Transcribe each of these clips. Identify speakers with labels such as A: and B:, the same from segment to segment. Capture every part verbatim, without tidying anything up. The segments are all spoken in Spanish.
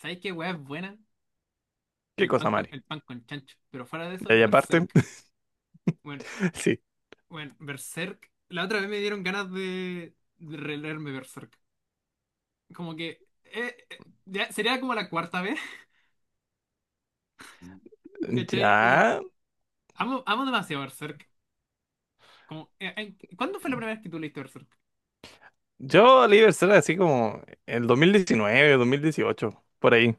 A: ¿Sabéis qué weá es buena?
B: Qué
A: El pan
B: cosa,
A: con,
B: Mari.
A: el pan con chancho. Pero fuera de
B: Y
A: eso,
B: ahí aparte,
A: Berserk. Bueno,
B: sí.
A: bueno, Berserk. La otra vez me dieron ganas de, de releerme Berserk. Como que eh, eh, ya sería como la cuarta vez, ¿cachai? Como
B: Ya.
A: amo, amo demasiado Berserk. Como, eh, eh, ¿cuándo fue la primera vez que tú leíste Berserk?
B: Yo Livers era así como el dos, dos mil diecinueve, dos mil dieciocho por ahí.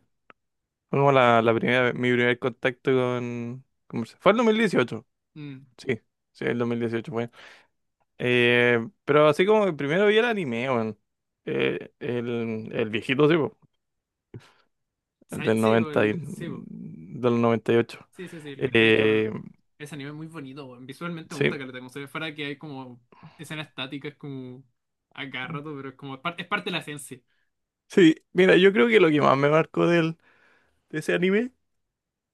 B: Fue como la, la primera, mi primer contacto con, con música. Fue el dos mil dieciocho,
A: Mm,
B: sí. Sí, el dos mil dieciocho fue. Eh, pero así como que primero vi el anime, weón. Eh, el, el viejito, sí, po, el
A: ¿sabes?
B: del
A: Sí, bo,
B: noventa
A: el,
B: y,
A: de- sí, bo.
B: del noventa y ocho.
A: Sí, sí, sí, el que está hecho a mano.
B: Eh,
A: Ese anime es muy bonito, bo. Visualmente me gusta
B: sí.
A: que como se ve fuera que hay como escenas estáticas como a cada rato, pero es como es par- es parte de la esencia.
B: Sí, mira, yo creo que lo que más me marcó del, de ese anime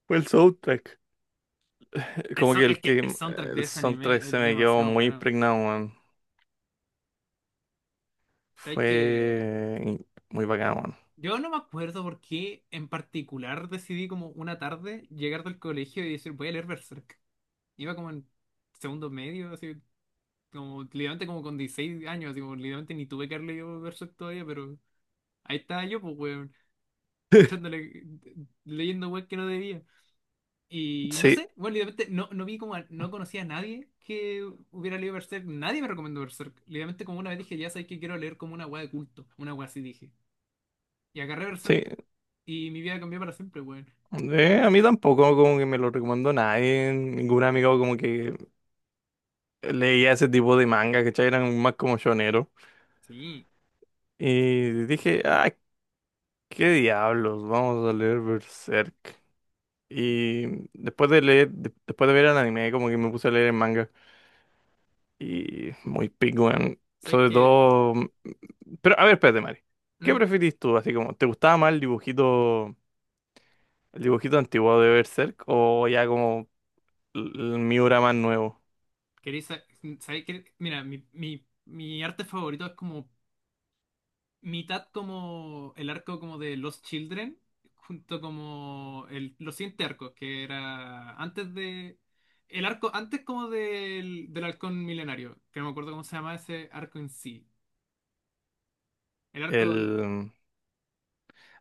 B: fue el soundtrack. Eh,
A: El
B: Como
A: so-
B: que
A: es
B: el
A: que el
B: que
A: soundtrack de
B: el
A: ese
B: soundtrack
A: anime
B: se
A: es
B: me quedó
A: demasiado
B: muy
A: bueno.
B: impregnado, weón.
A: ¿Sabes que
B: Fue in- muy bacán, weón.
A: yo no me acuerdo por qué en particular decidí como una tarde llegar del colegio y decir voy a leer Berserk? Iba como en segundo medio, así como literalmente como con dieciséis años, así como literalmente ni tuve que haber leído Berserk todavía, pero ahí estaba yo, pues weón, echándole, leyendo weón que no debía. Y no
B: Sí,
A: sé, bueno, literalmente no, no vi como, a- no conocía a nadie que hubiera leído Berserk. Nadie me recomendó Berserk. Literalmente como una vez dije, ya sabes que quiero leer como una weá de culto. Una weá así dije. Y agarré Berserk
B: sí.
A: y mi vida cambió para siempre, weón.
B: Eh, a mí tampoco como que me lo recomendó nadie, ningún amigo como que leía ese tipo de manga, ¿cachai? Eran más como shoneros.
A: Sí,
B: Y dije, ah, qué diablos, vamos a leer Berserk. Y después de leer, de- después de ver el anime, como que me puse a leer el manga. Y muy pico, weón.
A: sabes
B: Sobre
A: que...
B: todo. mm, Pero, a ver, espérate, Mari. ¿Qué preferís tú? Así como, ¿te gustaba más el dibujito, el dibujito antiguo de Berserk? O ya como el el Miura más nuevo.
A: ¿Queréis sabes que... Mira, mi, mi, mi arte favorito es como mitad como el arco como de Los Children, junto como el, los siguientes arcos, que era antes de... El arco antes como del, del Halcón Milenario, que no me acuerdo cómo se llama ese arco en sí. El arco... don-
B: El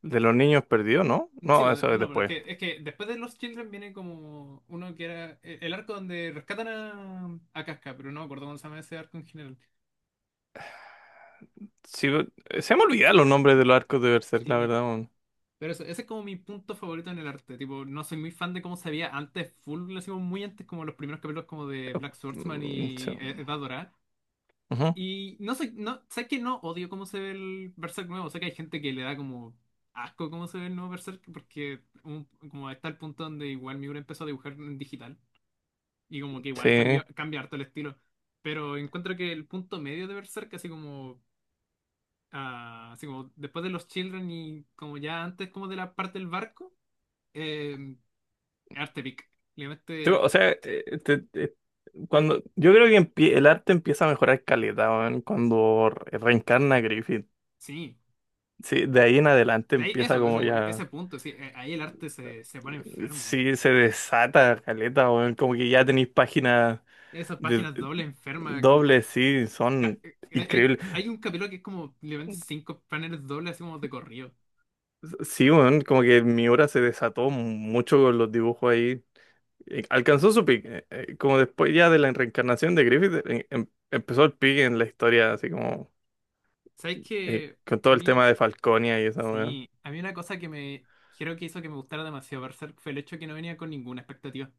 B: el de los niños perdidos, ¿no?
A: Sí,
B: No,
A: bo-
B: eso es
A: no, pero es
B: después.
A: que, es que después de Los Children viene como uno que era el, el arco donde rescatan a, a Casca, pero no me acuerdo cómo se llama ese arco en general.
B: Sí, eh, se me olvidan los nombres de los arcos de Berserk, la
A: Sí,
B: verdad, weón.
A: pero eso, ese es como mi punto favorito en el arte. Tipo, no soy muy fan de cómo se veía antes, full, lo hicimos muy antes, como los primeros capítulos como de Black Swordsman
B: Mm,
A: y
B: se-
A: eh, Edad Dorada.
B: Ujú.
A: Y no sé, no, sé que no odio cómo se ve el Berserk nuevo. Sé que hay gente que le da como asco cómo se ve el nuevo Berserk, porque un- como está el punto donde igual Miura empezó a dibujar en digital. Y como que igual
B: Sí.
A: cambió, cambia harto el estilo. Pero encuentro que el punto medio de Berserk, así como, ah, así como después de los Children y como ya antes como de la parte del barco. em, Arte pic.
B: Tú,
A: Obviamente,
B: o sea, te- te- te- cuando, yo creo que empie- el arte empieza a mejorar calidad, cuando re- reencarna a Griffith.
A: sí.
B: Sí, de ahí en adelante
A: De Ahí-
B: empieza
A: Eso, es
B: como
A: como
B: ya,
A: ese punto, sí. eh, Ahí el arte se, se pone enfermo.
B: sí, se desata caleta, weón, como que ya tenéis páginas
A: Esas
B: de
A: páginas dobles enfermas, como.
B: dobles, sí,
A: ca-
B: son
A: eh, Hay,
B: increíbles.
A: hay un capítulo que es como literalmente cinco paneles dobles, así como de corrido.
B: Sí, weón, como que mi obra se desató mucho con los dibujos ahí. Eh, Alcanzó su pique, eh, eh, como después ya de la reencarnación de Griffith. Eh, em- empezó el pique en la historia, así como…
A: ¿Sabes
B: eh,
A: qué?
B: con
A: A
B: todo el tema
A: mí,
B: de Falconia y eso, weón.
A: sí. A mí una cosa que me. Creo que hizo que me gustara demasiado Berserk fue el hecho que no venía con ninguna expectativa.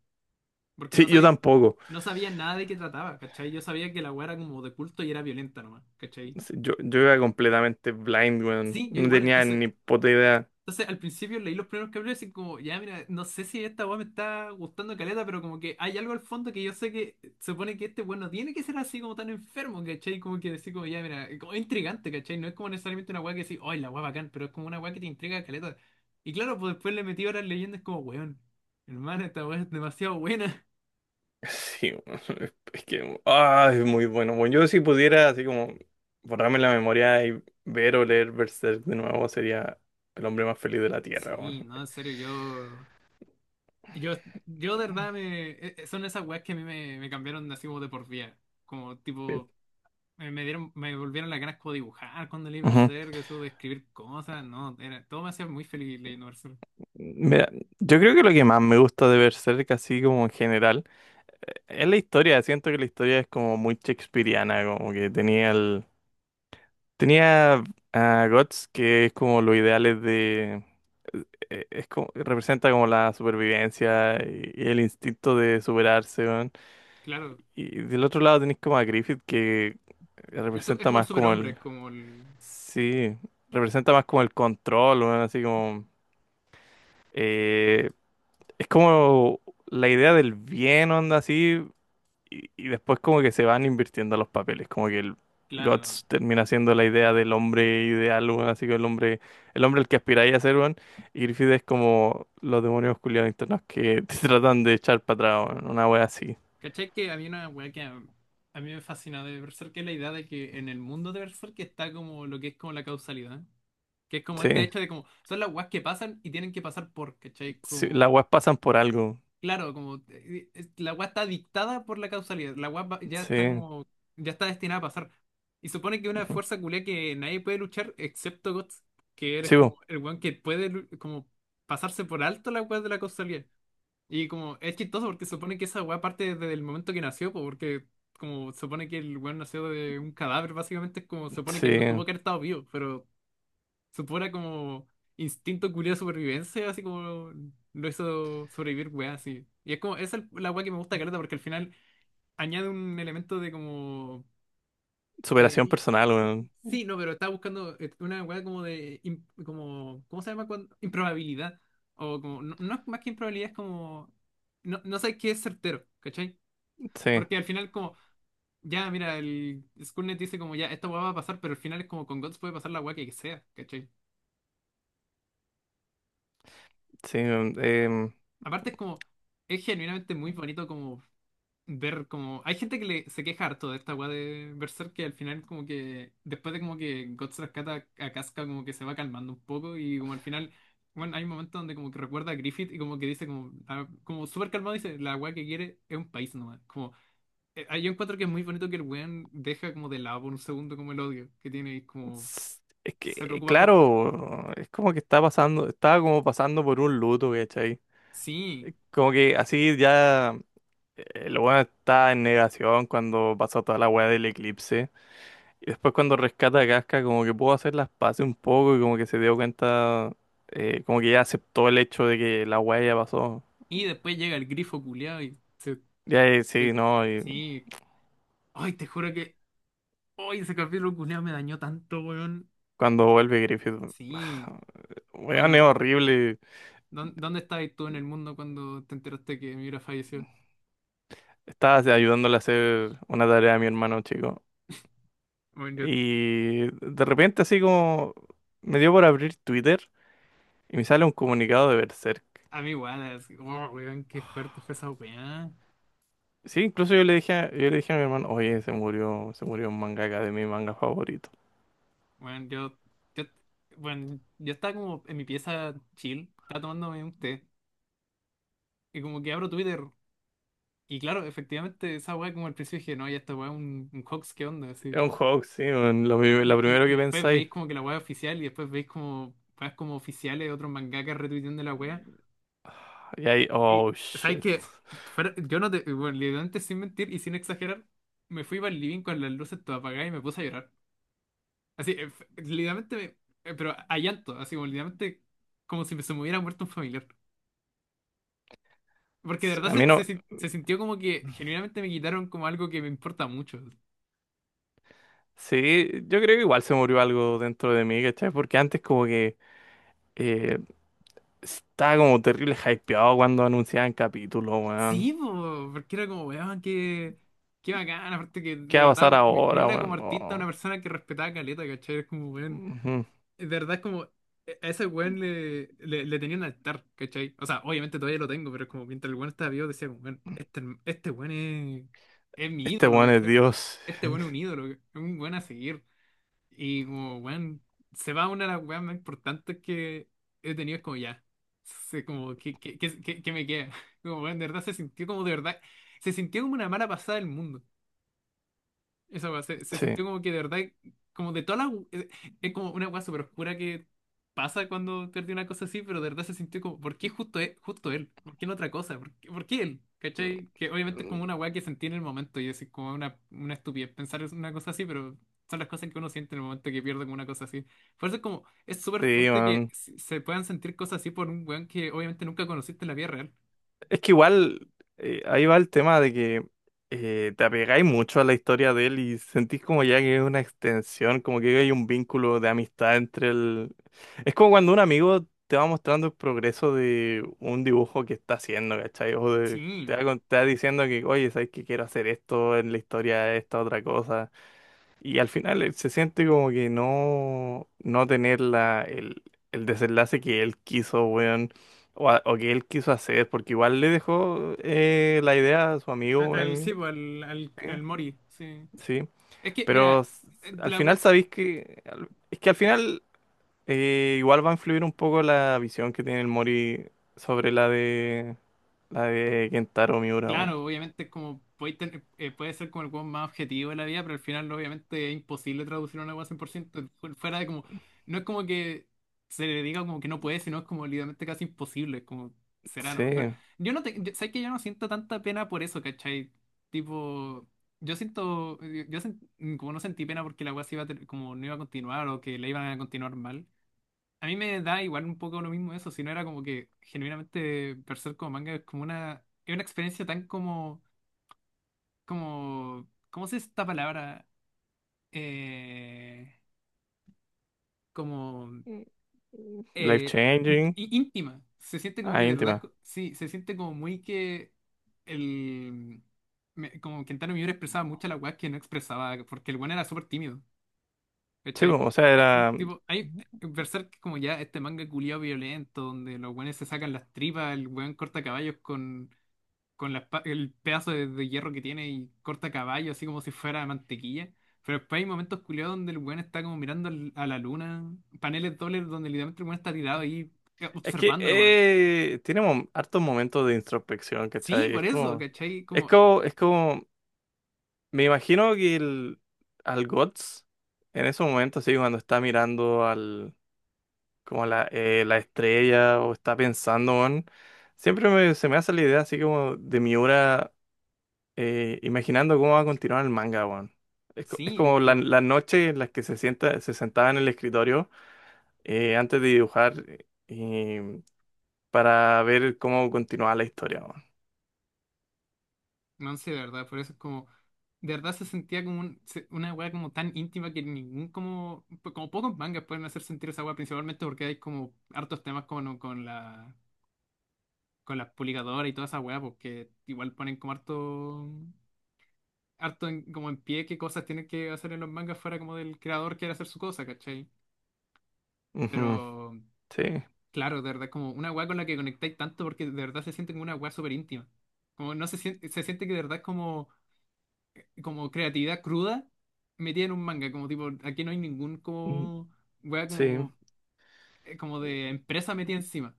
A: Porque
B: Sí,
A: no
B: yo
A: sabía,
B: tampoco.
A: no sabía nada de qué trataba, ¿cachai? Yo sabía que la weá era como de culto y era violenta nomás, ¿cachai?
B: Sí. Yo, yo era completamente blind, weón.
A: Sí, yo
B: No
A: igual,
B: tenía
A: entonces.
B: ni puta idea.
A: Entonces, al principio leí los primeros capítulos y como, ya, mira, no sé si esta weá me está gustando caleta, pero como que hay algo al fondo que yo sé que se supone que este weón no tiene que ser así como tan enfermo, ¿cachai? Como que decir, como, ya, mira, como es como intrigante, ¿cachai? No es como necesariamente una weá que decís, ¡ay, la weá bacán! Pero es como una weá que te intriga caleta. Y claro, pues después le metí horas leyendo, es como, weón, hermano, esta weá es demasiado buena.
B: Sí, weón. Es que, ah, es muy bueno. Bueno, yo si pudiera, así como, borrarme la memoria y ver o leer Berserk de nuevo, sería el hombre más feliz de la Tierra, weón.
A: Sí, no, en serio, yo. Yo, yo de verdad me. e- e- Son esas weas que a mí me, me cambiaron así como de por vida. Como
B: Sí.
A: tipo. Me, me dieron, me volvieron las ganas como de dibujar cuando leí
B: Ujú.
A: Berserk, eso de escribir cosas, no, era, todo me hacía muy feliz leyendo Berserk.
B: Mira, yo creo que lo que más me gusta de Berserk, así como en general, eh, es la historia. Siento que la historia es como muy shakespeariana, como que tenía el tenía a Guts, que es como los ideales de… eh, Es como, representa como la supervivencia y, y el instinto de superarse, weón.
A: Claro,
B: Y del otro lado tenéis como a Griffith, que
A: el su- es
B: representa
A: como el
B: más como
A: superhombre,
B: el…
A: es como el,
B: Sí, representa más como el control, weón, así como… eh, es como la idea del bien, onda, así, y, y después como que se van invirtiendo los papeles, como que el
A: claro.
B: Guts termina siendo la idea del hombre ideal, weón, así que el hombre, el hombre al que aspiráis a ser, weón, y Griffith es como los demonios culiados internos que te tratan de echar para atrás, weón, una wea así.
A: ¿Cachai que había una weá que a, a mí me fascina de Berserk, que es la idea de que en el mundo de Berserk está como lo que es como la causalidad, que es como este
B: Sí,
A: hecho de como, son las weas que pasan y tienen que pasar por, ¿cachai?
B: sí, las
A: Como
B: weas pasan por algo,
A: claro, como eh, eh, la weá está dictada por la causalidad. La weá va- ya está
B: sí,
A: como, ya está destinada a pasar. Y supone que una
B: ujú.
A: fuerza culia que nadie puede luchar excepto Guts, que eres
B: Sí, weón.
A: como el weón que puede lu- como pasarse por alto la weá de la causalidad. Y como es chistoso porque supone que esa weá parte desde el momento que nació, po, porque como supone que el weón nació de un cadáver, básicamente es como supone
B: Sí,
A: que no tuvo que haber estado vivo, pero su pura como instinto curioso de supervivencia, así como lo hizo sobrevivir, weá, así. Y es como, esa es la weá que me gusta Careta, porque al final añade un elemento de como. eh,
B: superación
A: i-
B: personal, weón.
A: sí, no, pero estaba buscando eh, una weá como de. Im- como, ¿cómo se llama cuando? Improbabilidad. O como. No, no es más que improbabilidad, es como. No, no sabes qué es certero, ¿cachai?
B: Sí.
A: Porque al final, como. Ya, mira, el Skynet dice como ya, esta weá va a pasar, pero al final es como con Guts puede pasar la weá que sea, ¿cachai?
B: Sí, weón. em,
A: Aparte es como, es genuinamente muy bonito como ver como... Hay gente que le, se queja harto de esta weá de Berserk que al final como que, después de como que Guts rescata a Casca como que se va calmando un poco y como al final, bueno, hay un momento donde como que recuerda a Griffith y como que dice como, ah, como súper calmado dice, la weá que quiere es un país nomás. Como, eh, ah, yo encuentro que es muy bonito que el weón deja como de lado por un segundo como el odio que tiene y como
B: s- Es
A: se
B: que,
A: preocupa por...
B: claro, es como que está pasando, estaba como pasando por un luto, ¿cachai?
A: Sí.
B: Como que así ya, eh, el weón está en negación cuando pasó toda la weá del eclipse. Y después cuando rescata a Casca, como que pudo hacer las paces un poco y como que se dio cuenta, eh, como que ya aceptó el hecho de que la weá ya pasó.
A: Y después llega el grifo culiao y se...
B: Ya, eh, sí,
A: de-
B: no, y
A: sí. Ay, te juro que oye, ese capítulo culiao me dañó tanto, weón.
B: cuando vuelve Griffith,
A: Sí,
B: weón es
A: bueno,
B: horrible.
A: ¿dó- ¿dónde estabas tú en el mundo cuando te enteraste que Mira falleció?
B: Estaba así ayudándole a hacer una tarea a mi hermano chico.
A: Bueno, yo
B: Y de repente así como me dio por abrir Twitter y me sale un comunicado de Berserk.
A: a mí igual, así, oh, weón, qué fuerte fue esa weá.
B: Sí, incluso yo le dije a, yo le dije a mi hermano, oye, se murió, se murió un mangaka de mi manga favorito.
A: Bueno, yo, yo, bueno, yo estaba como en mi pieza chill, estaba tomándome un té, y como que abro Twitter, y claro, efectivamente, esa weá como al principio dije, no, ya esta weá es un, un hoax, ¿qué onda?
B: Es
A: Así.
B: un juego, sí, man, lo, pri-
A: Y,
B: lo
A: y-
B: primero
A: y
B: que
A: después
B: pensáis.
A: veis como que la weá es oficial, y después veis como weas como oficiales de otros mangakas retuiteando la weá.
B: Y ahí,
A: Y,
B: oh,
A: ¿sabes
B: shit.
A: qué? Fuera- yo no te, bueno, literalmente sin mentir y sin exagerar, me fui para el living con las luces todas apagadas y me puse a llorar. Así, eh, f- literalmente, me- eh, pero a llanto, así como literalmente como si me se me hubiera muerto un familiar. Porque de
B: Sí.
A: verdad
B: A mí
A: se,
B: no,
A: se sin- se sintió como que genuinamente me quitaron como algo que me importa mucho.
B: sí, yo creo que igual se murió algo dentro de mí, ¿cachai? Porque antes como que, eh, estaba como terrible hypeado cuando anunciaban capítulos, weón.
A: Sí, po, porque era como, weón, qué, qué bacán, aparte que
B: ¿Qué
A: de
B: va a
A: verdad,
B: pasar
A: po, me, me
B: ahora,
A: iba como
B: weón?
A: artista,
B: Oh,
A: una persona que respetaba caleta, ¿cachai? Es como, weón.
B: ujú.
A: De verdad es como, e, a ese weón le, le, le tenía un altar, ¿cachai? O sea, obviamente todavía lo tengo, pero es como mientras el weón estaba vivo decía, como, weón, este, este weón es, es mi
B: Este
A: ídolo,
B: weón es
A: ¿cachai?
B: Dios.
A: Este weón es un ídolo, es un weón a seguir. Y como, weón, se va una de las weas más importantes que he tenido, es como ya, sé como, ¿qué, qué, qué, qué- ¿qué me queda? Como, weón, de verdad se sintió como, de verdad, se sintió como una mala pasada del mundo. Esa weá se, se
B: Sí,
A: sintió como que de verdad, como de toda la. Es, es como una weá súper oscura que pasa cuando perdí una cosa así, pero de verdad se sintió como, ¿por qué justo él? ¿Justo él? ¿Por qué no otra cosa? ¿Por qué, por qué él? ¿Cachai? Que obviamente es como una weá que sentí en el momento y es como una, una estupidez pensar en una cosa así, pero son las cosas que uno siente en el momento que pierde con una cosa así. Por eso es como, es súper
B: sí,
A: fuerte que
B: weón.
A: se se puedan sentir cosas así por un weón que obviamente nunca conociste en la vida real.
B: Es que igual, eh, ahí va el tema de que, eh, te apegáis mucho a la historia de él y sentís como ya que es una extensión, como que hay un vínculo de amistad entre el… Es como cuando un amigo te va mostrando el progreso de un dibujo que está haciendo, ¿cachai? O de-
A: Sí,
B: te va, con- te va diciendo que, oye, ¿sabes que quiero hacer esto en la historia, esta otra cosa? Y al final, eh, se siente como que no, no tener la, el, el desenlace que él quiso, weón, o, a- o que él quiso hacer, porque igual le dejó, eh, la idea a su
A: al,
B: amigo,
A: al- sí,
B: weón.
A: pues, al, al,
B: Sí,
A: al Mori, sí.
B: sí.
A: Es que,
B: pero
A: mira,
B: s-
A: eh,
B: al
A: la
B: final
A: wea-
B: sabéis que, al- es que al final, eh, igual va a influir un poco la visión que tiene el Mori sobre la de, la de Kentaro Miura, weón.
A: claro, obviamente es como puede, tener- eh, puede ser como el weón más objetivo de la vida, pero al final obviamente es imposible traducir una weá cien por ciento. fu- Fuera de como, no es como que se le diga como que no puede, sino es como literalmente casi imposible, es como será
B: Sí.
A: nomás. Pero yo no te, yo- sabes que yo no siento tanta pena por eso, ¿cachai? Tipo, yo siento, yo, yo sent- como no sentí pena porque la weá se iba a ter- como no iba a continuar o que la iban a continuar mal. A mí me da igual un poco lo mismo eso, si no era como que genuinamente Berserk como manga es como una, es una experiencia tan como, como, ¿cómo se dice esta palabra? Eh, como
B: Mm, mm. Life
A: eh, ínt-
B: changing.
A: í- íntima. Se siente como que
B: Ahí
A: de verdad,
B: íntima.
A: co- sí, se siente como muy que el, me- como Kentaro Miura expresaba mucho la weá que no expresaba, porque el weón era súper tímido.
B: Sí,
A: ¿Cachai?
B: bueno, o sea,
A: Ah,
B: era.
A: Tipo, hay Berserk como ya este manga culiado violento, donde los weones se sacan las tripas, el weón corta caballos con, con la espa- el pedazo de, de hierro que tiene y corta caballos así como si fuera mantequilla. Pero después hay momentos culiados donde el weón está como mirando al- a la luna, paneles dobles donde literalmente el weón está tirado ahí eh,
B: Es que,
A: observando nomás.
B: eh, tiene mom- hartos momentos de introspección,
A: Sí,
B: ¿cachai? Es
A: por eso,
B: como,
A: ¿cachai?
B: es
A: Como,
B: como, es como, me imagino que el, al Guts, en esos momentos, sí, cuando está mirando al, como la, eh, la estrella o está pensando en, siempre me- se me hace la idea así como de Miura, eh, imaginando cómo va a continuar el manga, weón. Es, co- es
A: sí, es
B: como la,
A: como,
B: la noche en las que se sienta, se sentaba en el escritorio, eh, antes de dibujar, para ver cómo continuaba la historia, weón.
A: no sé, de verdad, por eso es como. De verdad se sentía como un- se- una weá como tan íntima que ningún como, pues, como pocos mangas pueden hacer sentir esa weá, principalmente porque hay como hartos temas con, con la con las publicadoras y toda esa weá, porque igual ponen como harto harto en- como en pie qué cosas tienen que hacer en los mangas fuera como del creador quiere hacer su cosa, ¿cachai?
B: Ujú.
A: Pero
B: Sí,
A: claro, de verdad como una weá con la que conectáis tanto porque de verdad se siente como una weá súper íntima. Como no se siente, se siente que de verdad es como como creatividad cruda metida en un manga, como tipo, aquí no hay ningún
B: mm,
A: como wea
B: sí.
A: como, eh, como de empresa metida encima.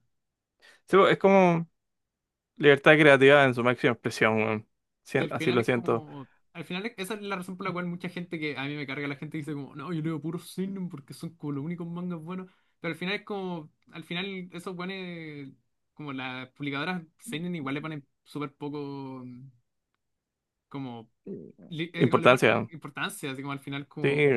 B: Sí, pues, es como libertad creativa en su máxima expresión, weón.
A: Que
B: Sien-
A: al
B: así
A: final
B: lo
A: es
B: siento.
A: como. Al final es- esa es la razón por la cual mucha gente que a mí me carga la gente dice como, no, yo leo puro seinen porque son como los únicos mangas buenos. Pero al final es como, al final eso pone como las publicadoras seinen igual le ponen súper poco como, li- eh, como le ponen
B: Importancia, weón.
A: importancia, así como al final
B: Sí,
A: como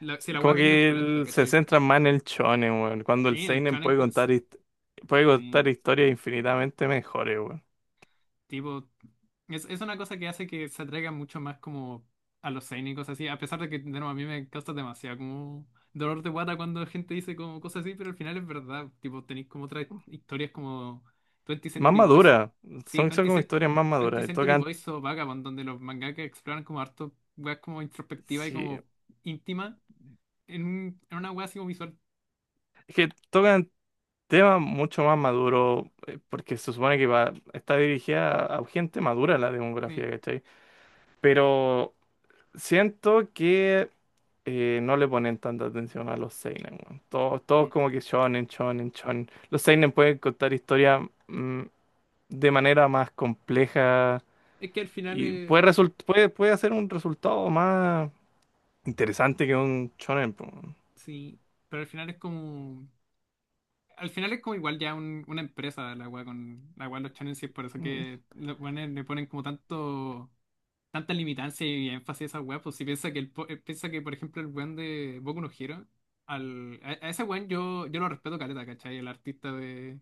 A: la- si la
B: como
A: wea vende es
B: que
A: polenta,
B: él se
A: ¿cachai?
B: centra más en el shonen, weón, cuando el
A: Sí, en el
B: seinen
A: shonen,
B: puede
A: pues,
B: contar hist- puede
A: sí.
B: contar historias infinitamente mejores, weón.
A: Tipo, es, es una cosa que hace que se atraiga mucho más como a los cénicos, así, a pesar de que, de nuevo, a mí me causa demasiado como dolor de guata cuando gente dice como cosas así, pero al final es verdad, tipo, tenéis como otras historias como veinte
B: Más
A: Century Boys,
B: maduras.
A: sí,
B: Son, son
A: 20th,
B: como
A: Cen-
B: historias más
A: veinte
B: maduras. Y
A: Century
B: tocan,
A: Boys o Vagabond, donde los mangakas exploran como harto, weas como introspectiva y
B: sí,
A: como íntima, en, un- en una wea así como visual,
B: es que tocan tema mucho más maduro, eh, porque se supone que va, está dirigida a, a gente madura la
A: sí.
B: demografía, ¿cachai? Pero siento que, eh, no le ponen tanta atención a los seinen, weón. Todos, todos
A: Mm.
B: como que shonen, shonen, shonen. Los seinen pueden contar historias, mm, de manera más compleja
A: Es que al final
B: y puede,
A: es,
B: result puede, puede hacer un resultado más interesante que un shonen, po, weón.
A: sí, pero al final es como… Al final es como igual ya un- una empresa la weá con la weá de los challenges, por eso
B: Mm,
A: que le ponen, le ponen como tanto tanta limitancia y énfasis a esa weá, pues si piensa que el po- eh, piensa que, por ejemplo, el weón de Boku no Hero, al, a, a ese weón yo, yo lo respeto caleta, ¿cachai? El artista de,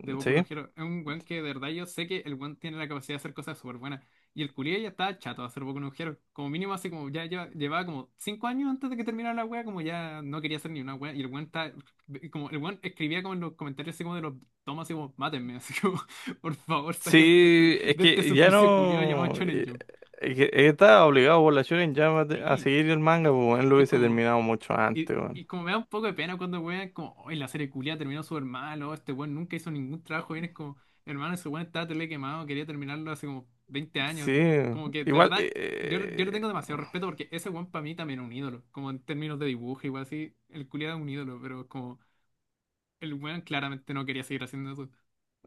A: de Boku no
B: ¿sí?
A: Hero. Es un weón que de verdad yo sé que el weón tiene la capacidad de hacer cosas súper buenas. Y el culiao ya estaba chato de hacer Boku no Hero. Como mínimo así como ya lleva- llevaba como cinco años antes de que terminara la weá, como ya no quería hacer ni una weá. Y el weón está, como el weón escribía como en los comentarios así como de los tomas así como, mátenme, así como, por favor, sáquenme de
B: Sí,
A: este,
B: es
A: de este
B: que ya
A: suplicio culiao llamado
B: no.
A: Shonen
B: Eh,
A: Jump.
B: eh, que está obligado por la Shonen Jump a te- a
A: Sí,
B: seguir el manga, pues él lo
A: y es
B: hubiese
A: como,
B: terminado mucho
A: y,
B: antes, weón.
A: y como me da un poco de pena cuando weón, como, hoy la serie culia terminó súper mal, o este weón nunca hizo ningún trabajo bien, es como, hermano, ese weón estaba tele quemado, quería terminarlo hace como veinte
B: Sí,
A: años, como que de
B: igual, eh,
A: verdad, yo, yo le
B: eh,
A: tengo demasiado respeto porque ese weón para mí también es un ídolo, como en términos de dibujo, igual así, el culia es un ídolo, pero como, el weón claramente no quería seguir haciendo eso.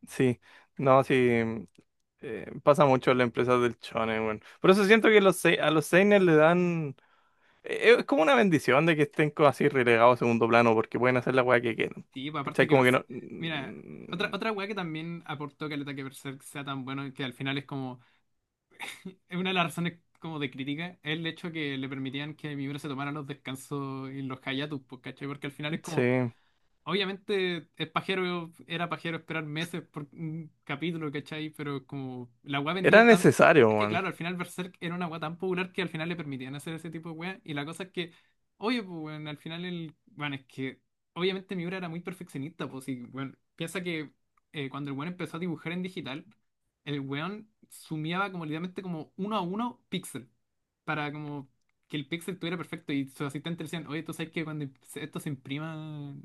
B: sí, no, sí, mm, eh, pasa mucho en las empresas del shonen, weón. Por eso siento que los, sei- a los seinen le dan, eh, es como una bendición de que estén co- así relegados a segundo plano, porque pueden hacer la weá que quieran.
A: Sí, pues,
B: ¿Cachai?
A: aparte que,
B: Como que
A: Berserk-
B: no,
A: mira, otra,
B: mm,
A: otra weá que también aportó caleta que el ataque Berserk sea tan bueno, que al final es como es una de las razones como de crítica, es el hecho que le permitían que Miura se tomara los descansos y los hiatus, pues, ¿cachai? Porque al final es
B: sí,
A: como, obviamente es pajero, era pajero esperar meses por un capítulo, ¿cachai? Pero como la weá
B: era
A: vendía tan…
B: necesario.
A: Es que claro, al final Berserk era una weá tan popular que al final le permitían hacer ese tipo de weá. Y la cosa es que, oye, pues bueno, al final el… Bueno, es que obviamente Miura era muy perfeccionista, pues y bueno, piensa que eh, cuando el weón empezó a dibujar en digital, el weón sumiaba como literalmente como uno a uno píxel para como que el Pixel tuviera perfecto y sus asistentes le decían, oye, tú sabes que cuando se- esto se imprima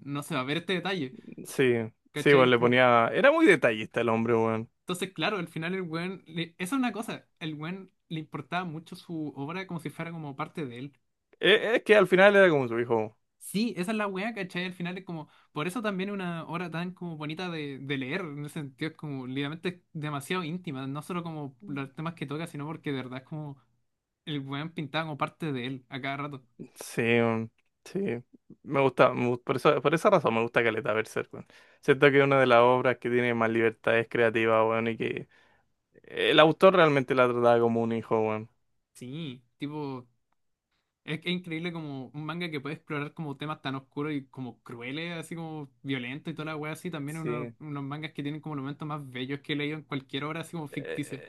A: no se va a ver este detalle,
B: Sí, sí, bueno,
A: ¿cachai?
B: le
A: Como…
B: ponía. Era muy detallista el hombre, weón.
A: Entonces, claro, al final el weón, le- esa es una cosa, el weón le importaba mucho su obra como si fuera como parte de él.
B: E- Es que al final era como su hijo.
A: Sí, esa es la weá, ¿cachai? Al final es como, por eso también es una obra tan como bonita de, de leer, en ese sentido es como literalmente es demasiado íntima, no solo como los temas que toca, sino porque de verdad es como el weón pintaba como parte de él a cada rato.
B: Sí, weón, sí. Me gusta, me gust- Por eso, por esa razón me gusta caleta Berserk, weón. Siento que es una de las obras que tiene más libertades creativas, weón, y que el autor realmente la trataba como un hijo, weón.
A: Sí, tipo… Es que es increíble como un manga que puede explorar como temas tan oscuros y como crueles, así como violentos y toda la wea así. También es uno-
B: Sí.
A: unos mangas que tienen como los momentos más bellos que he leído en cualquier obra, así como
B: Eh,
A: ficticia.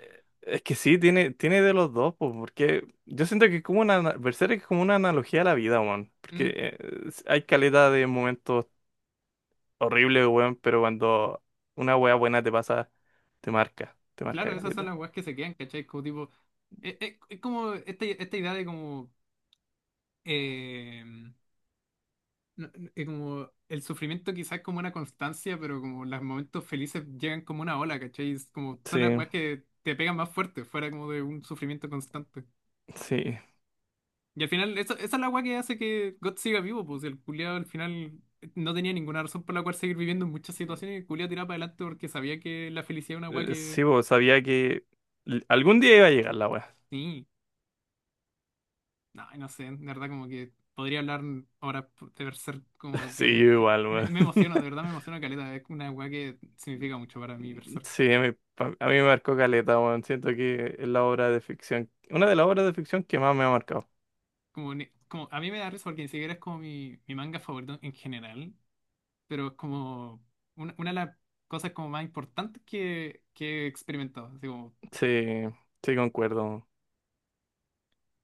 B: Es que sí, tiene, tiene de los dos, pues, porque yo siento que es como una, ana- Berserk es como una analogía a la vida, weón. Porque,
A: Mm,
B: eh, hay caleta de momentos horrible, weón, pero cuando una wea buena te pasa, te marca, te
A: claro,
B: marca
A: esas son
B: caleta.
A: las weas que se quedan, ¿cachai? Como tipo, es, es- es como esta, esta idea de como, eh, no- no- eh, como el sufrimiento quizás es como una constancia, pero como los momentos felices llegan como una ola, ¿cachai? Es como son
B: Sí,
A: las weas que te pegan más fuerte, fuera como de un sufrimiento constante.
B: sí.
A: Y al final, esa, esa es la weá que hace que God siga vivo, pues si el culiado al final no tenía ninguna razón por la cual seguir viviendo en muchas situaciones y el culiado tiraba para adelante porque sabía que la felicidad es una weá
B: Eh,
A: que…
B: sí, vos sabía que l- algún día iba a llegar la wea.
A: Sí, no, no sé, de verdad como que podría hablar ahora de ser como
B: Sí, yo
A: que…
B: igual,
A: Y Me,
B: weón.
A: me emociono, de verdad me emociona caleta, es una weá que significa mucho para mí Berserk.
B: Sí, a mí, pa- a mí me marcó caleta, weón. Siento que es la obra de ficción, una de las obras de ficción que más me ha marcado.
A: Como, ni- como, a mí me da risa porque ni siquiera es como mi, mi manga favorito en general, pero es como una, una de las cosas como más importantes que, que he experimentado. Así como,
B: Sí, sí, concuerdo.